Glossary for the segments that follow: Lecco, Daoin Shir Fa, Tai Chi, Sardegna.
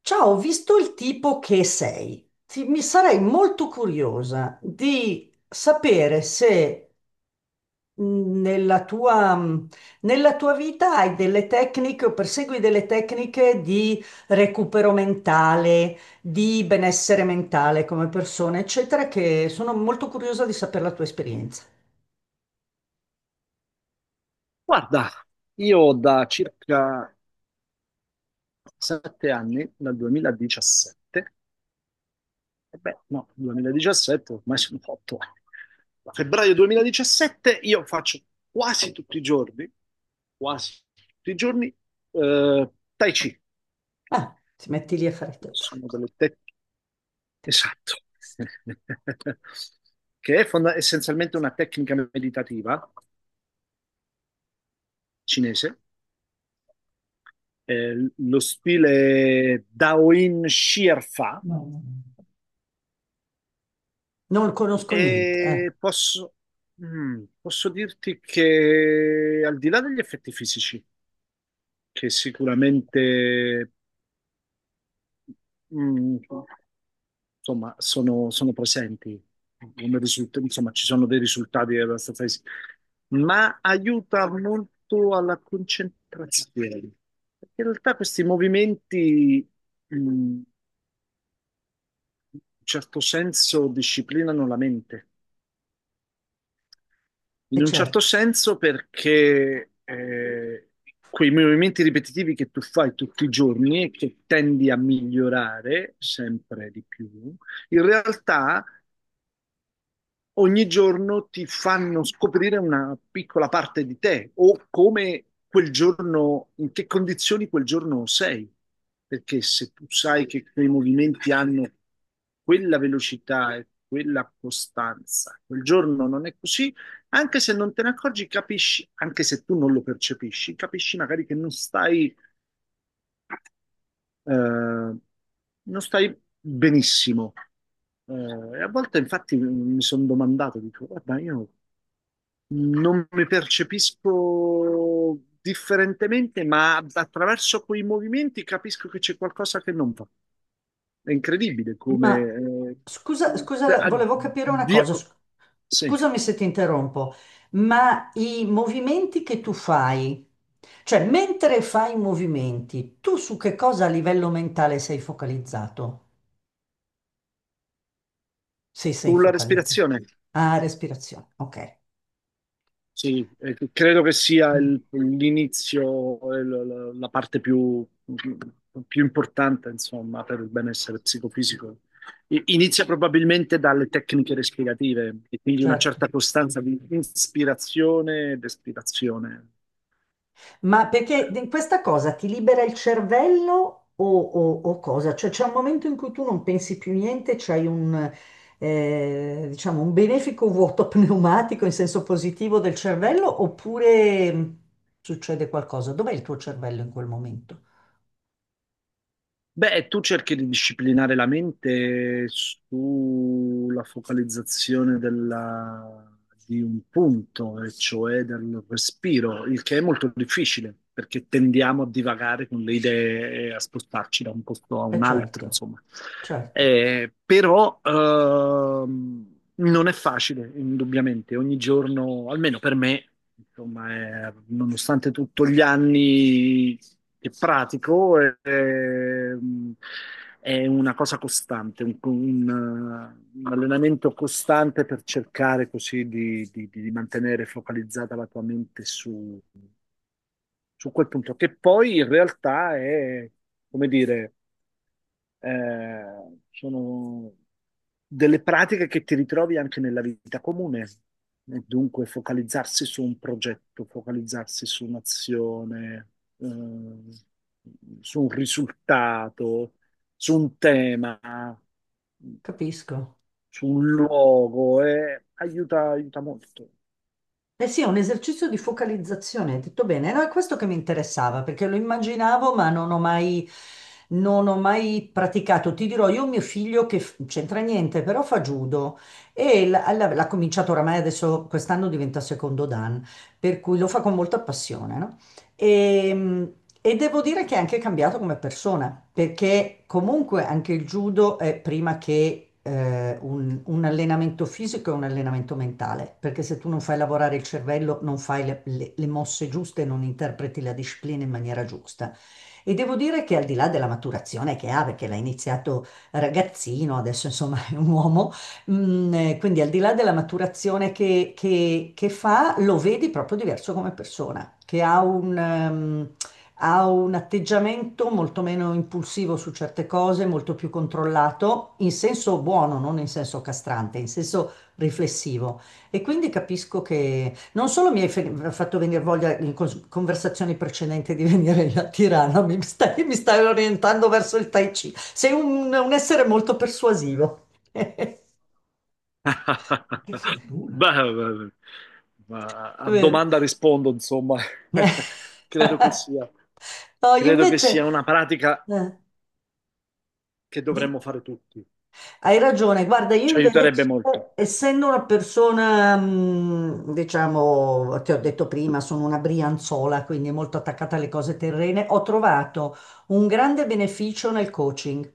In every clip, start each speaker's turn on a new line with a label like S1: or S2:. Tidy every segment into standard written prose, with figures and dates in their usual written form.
S1: Ciao, ho visto il tipo che sei. Mi sarei molto curiosa di sapere se nella tua, nella tua vita hai delle tecniche o persegui delle tecniche di recupero mentale, di benessere mentale come persona, eccetera, che sono molto curiosa di sapere la tua esperienza.
S2: Guarda, io da circa 7 anni, dal 2017, e beh, no, 2017, ormai sono 8 anni. Da febbraio 2017 io faccio quasi tutti i giorni, quasi tutti i giorni, eh, Tai Chi.
S1: Ah, ti metti lì a fare te.
S2: Sono delle tec- Esatto. Che è essenzialmente una tecnica meditativa cinese. Lo stile Daoin Shir Fa.
S1: No, no, no. Non conosco niente,
S2: E posso, posso dirti che al di là degli effetti fisici, che sicuramente mm, insomma, sono presenti, insomma, ci sono dei risultati abbastanza fisici, ma aiuta molto alla concentrazione. Perché in realtà questi movimenti, in un certo senso, disciplinano la mente.
S1: è
S2: In un certo
S1: certo.
S2: senso perché quei movimenti ripetitivi che tu fai tutti i giorni e che tendi a migliorare sempre di più, in realtà ogni giorno ti fanno scoprire una piccola parte di te o come quel giorno, in che condizioni quel giorno sei. Perché se tu sai che quei movimenti hanno quella velocità e quella costanza, quel giorno non è così, anche se non te ne accorgi, capisci, anche se tu non lo percepisci, capisci magari che non stai, non stai benissimo. E a volte infatti mi sono domandato, dico, guarda, io non mi percepisco differentemente, ma attraverso quei movimenti capisco che c'è qualcosa che non va. È incredibile come...
S1: Ma scusa,
S2: eh,
S1: scusa,
S2: da-
S1: volevo capire una
S2: dia-
S1: cosa,
S2: sì,
S1: scusami se ti interrompo, ma i movimenti che tu fai, cioè mentre fai i movimenti, tu su che cosa a livello mentale sei focalizzato? Se sei
S2: con la
S1: focalizzato.
S2: respirazione.
S1: Ah, respirazione, ok.
S2: Sì, credo che sia
S1: Mm,
S2: l'inizio, la parte più, più importante, insomma, per il benessere psicofisico. Inizia probabilmente dalle tecniche respirative e quindi una
S1: certo.
S2: certa costanza di ispirazione ed espirazione.
S1: Ma perché questa cosa ti libera il cervello o, o cosa? Cioè c'è un momento in cui tu non pensi più niente, c'hai un, diciamo, un benefico vuoto pneumatico in senso positivo del cervello oppure succede qualcosa? Dov'è il tuo cervello in quel momento?
S2: Beh, tu cerchi di disciplinare la mente sulla focalizzazione di un punto, e cioè del respiro, il che è molto difficile perché tendiamo a divagare con le idee e a spostarci da un posto a
S1: Eh
S2: un altro,
S1: certo,
S2: insomma.
S1: certo,
S2: Però non è facile, indubbiamente. Ogni giorno, almeno per me. Insomma, nonostante tutto gli anni che pratico, è una cosa costante, un allenamento costante per cercare così di mantenere focalizzata la tua mente su, su quel punto, che poi in realtà è, come dire, eh, sono delle pratiche che ti ritrovi anche nella vita comune, e dunque focalizzarsi su un progetto, focalizzarsi su un'azione, eh, su un risultato, su un tema,
S1: capisco.
S2: su un luogo, e aiuta, aiuta molto.
S1: Eh sì, è un esercizio di focalizzazione, hai detto bene. No, è questo che mi interessava, perché lo immaginavo, ma non ho mai, non ho mai praticato. Ti dirò, io ho mio figlio che c'entra niente, però fa judo e l'ha cominciato oramai adesso, quest'anno diventa secondo dan, per cui lo fa con molta passione, no? E, e devo dire che è anche cambiato come persona, perché comunque anche il judo è prima che un allenamento fisico e un allenamento mentale, perché se tu non fai lavorare il cervello, non fai le, le mosse giuste, non interpreti la disciplina in maniera giusta. E devo dire che al di là della maturazione che ha, perché l'ha iniziato ragazzino, adesso insomma è un uomo. Mm, quindi al di là della maturazione che, che fa, lo vedi proprio diverso come persona, che ha un atteggiamento molto meno impulsivo su certe cose, molto più controllato, in senso buono, non in senso castrante, in senso riflessivo. E quindi capisco che non solo mi hai fatto venire voglia in conversazioni precedenti di venire a Tirana, mi stai orientando verso il Tai Chi. Sei un essere molto persuasivo. Che fortuna.
S2: Beh, beh, beh. Ma a
S1: Vero?
S2: domanda rispondo, insomma, credo che sia,
S1: No, io
S2: credo che
S1: invece...
S2: sia una pratica
S1: eh,
S2: che
S1: di-
S2: dovremmo fare tutti.
S1: Hai ragione, guarda, io
S2: Ci aiuterebbe
S1: invece,
S2: molto.
S1: essendo una persona, diciamo, ti ho detto prima, sono una brianzola, quindi molto attaccata alle cose terrene, ho trovato un grande beneficio nel coaching.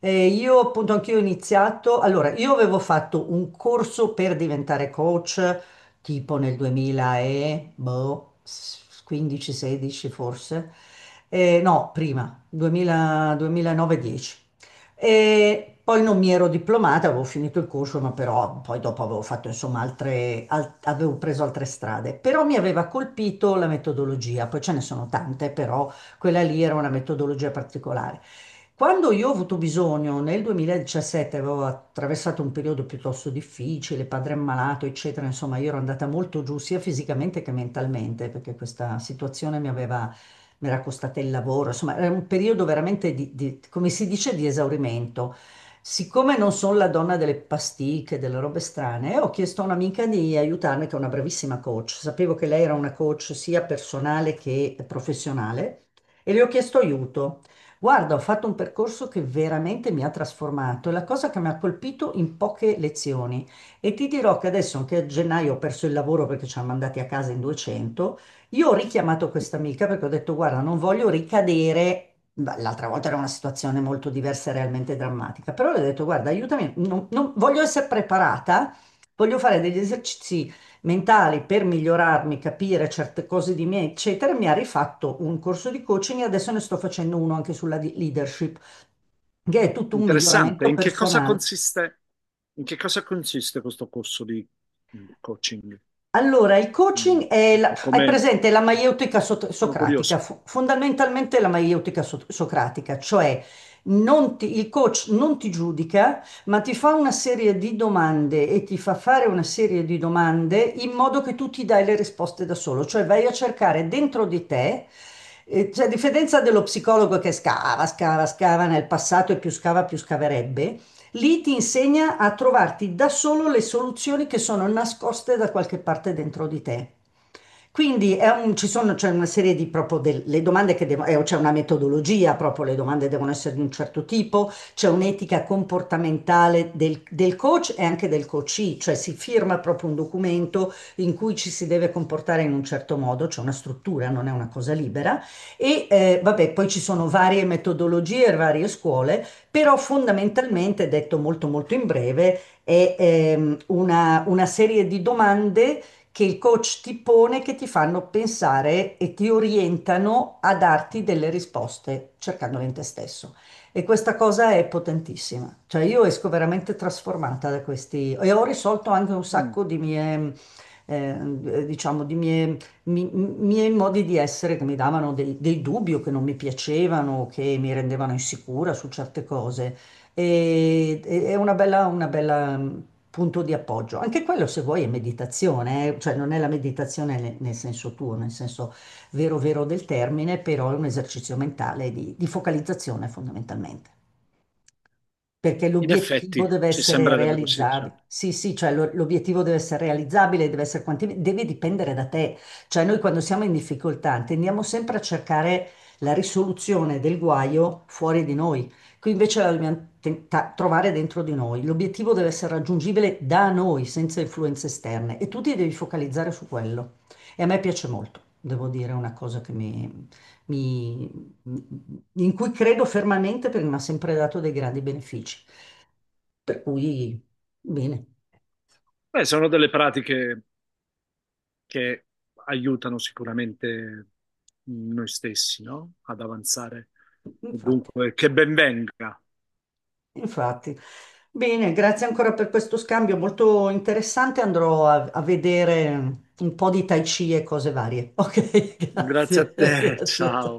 S1: Io appunto anch'io ho iniziato, allora, io avevo fatto un corso per diventare coach, tipo nel 2015-16 forse. No, prima, 2000 2009-10. E poi non mi ero diplomata, avevo finito il corso, ma però poi dopo avevo fatto insomma altre, avevo preso altre strade. Però mi aveva colpito la metodologia, poi ce ne sono tante, però quella lì era una metodologia particolare. Quando io ho avuto bisogno, nel 2017 avevo attraversato un periodo piuttosto difficile, padre ammalato, eccetera, insomma, io ero andata molto giù sia fisicamente che mentalmente, perché questa situazione mi aveva mi era costato il lavoro, insomma, era un periodo veramente di, come si dice, di esaurimento. Siccome non sono la donna delle pasticche, delle robe strane, ho chiesto a un'amica di aiutarmi, che è una bravissima coach. Sapevo che lei era una coach sia personale che professionale e le ho chiesto aiuto. Guarda, ho fatto un percorso che veramente mi ha trasformato, è la cosa che mi ha colpito in poche lezioni. E ti dirò che adesso, anche a gennaio, ho perso il lavoro perché ci hanno mandati a casa in 200. Io ho richiamato questa amica perché ho detto, guarda, non voglio ricadere. Beh, l'altra volta era una situazione molto diversa e realmente drammatica, però le ho detto, guarda, aiutami, voglio essere preparata, voglio fare degli esercizi mentali per migliorarmi, capire certe cose di me, eccetera. Mi ha rifatto un corso di coaching e adesso ne sto facendo uno anche sulla leadership, che è tutto un
S2: Interessante.
S1: miglioramento
S2: In che cosa
S1: personale.
S2: consiste, in che cosa consiste questo corso di coaching?
S1: Allora, il
S2: Mm,
S1: coaching è,
S2: ecco,
S1: hai
S2: come
S1: presente la
S2: mm,
S1: maieutica
S2: sono
S1: socratica,
S2: curioso.
S1: fondamentalmente la maieutica socratica, cioè non ti- il coach non ti giudica, ma ti fa una serie di domande e ti fa fare una serie di domande in modo che tu ti dai le risposte da solo, cioè vai a cercare dentro di te, cioè a differenza dello psicologo che scava, scava, scava nel passato e più scava più scaverebbe. Lì ti insegna a trovarti da solo le soluzioni che sono nascoste da qualche parte dentro di te. Quindi è ci sono, c'è una serie di proprio delle domande che devono, c'è una metodologia, proprio le domande devono essere di un certo tipo, c'è un'etica comportamentale del, del coach e anche del coachee, cioè si firma proprio un documento in cui ci si deve comportare in un certo modo, c'è una struttura, non è una cosa libera. E vabbè, poi ci sono varie metodologie, varie scuole, però fondamentalmente, detto molto molto in breve, è una serie di domande che il coach ti pone che ti fanno pensare e ti orientano a darti delle risposte cercandole in te stesso. E questa cosa è potentissima. Cioè io esco veramente trasformata da questi e ho risolto anche un
S2: Mm,
S1: sacco di mie, diciamo, di mie, miei modi di essere che mi davano dei, dei dubbi o che non mi piacevano, o che mi rendevano insicura su certe cose e, è una bella mm, punto di appoggio. Anche quello, se vuoi, è meditazione, eh. Cioè non è la meditazione nel, nel senso tuo, nel senso vero vero del termine, però è un esercizio mentale di focalizzazione fondamentalmente. Perché
S2: in effetti,
S1: l'obiettivo deve
S2: ci
S1: essere
S2: sembrerebbe così,
S1: realizzabile.
S2: certo.
S1: Sì, sì, cioè l'obiettivo deve essere realizzabile, deve essere deve dipendere da te. Cioè noi quando siamo in difficoltà tendiamo sempre a cercare la risoluzione del guaio fuori di noi. Qui invece la dobbiamo trovare dentro di noi. L'obiettivo deve essere raggiungibile da noi, senza influenze esterne. E tu ti devi focalizzare su quello. E a me piace molto, devo dire, è una cosa che mi, in cui credo fermamente perché mi ha sempre dato dei grandi benefici. Per cui, bene,
S2: Beh, sono delle pratiche che aiutano sicuramente noi stessi, no? Ad avanzare.
S1: infatti,
S2: Dunque, che ben venga.
S1: infatti. Bene, grazie ancora per questo scambio molto interessante. Andrò a, a vedere un po' di Tai Chi e cose varie. Ok,
S2: Grazie a
S1: grazie.
S2: te,
S1: Grazie.
S2: ciao.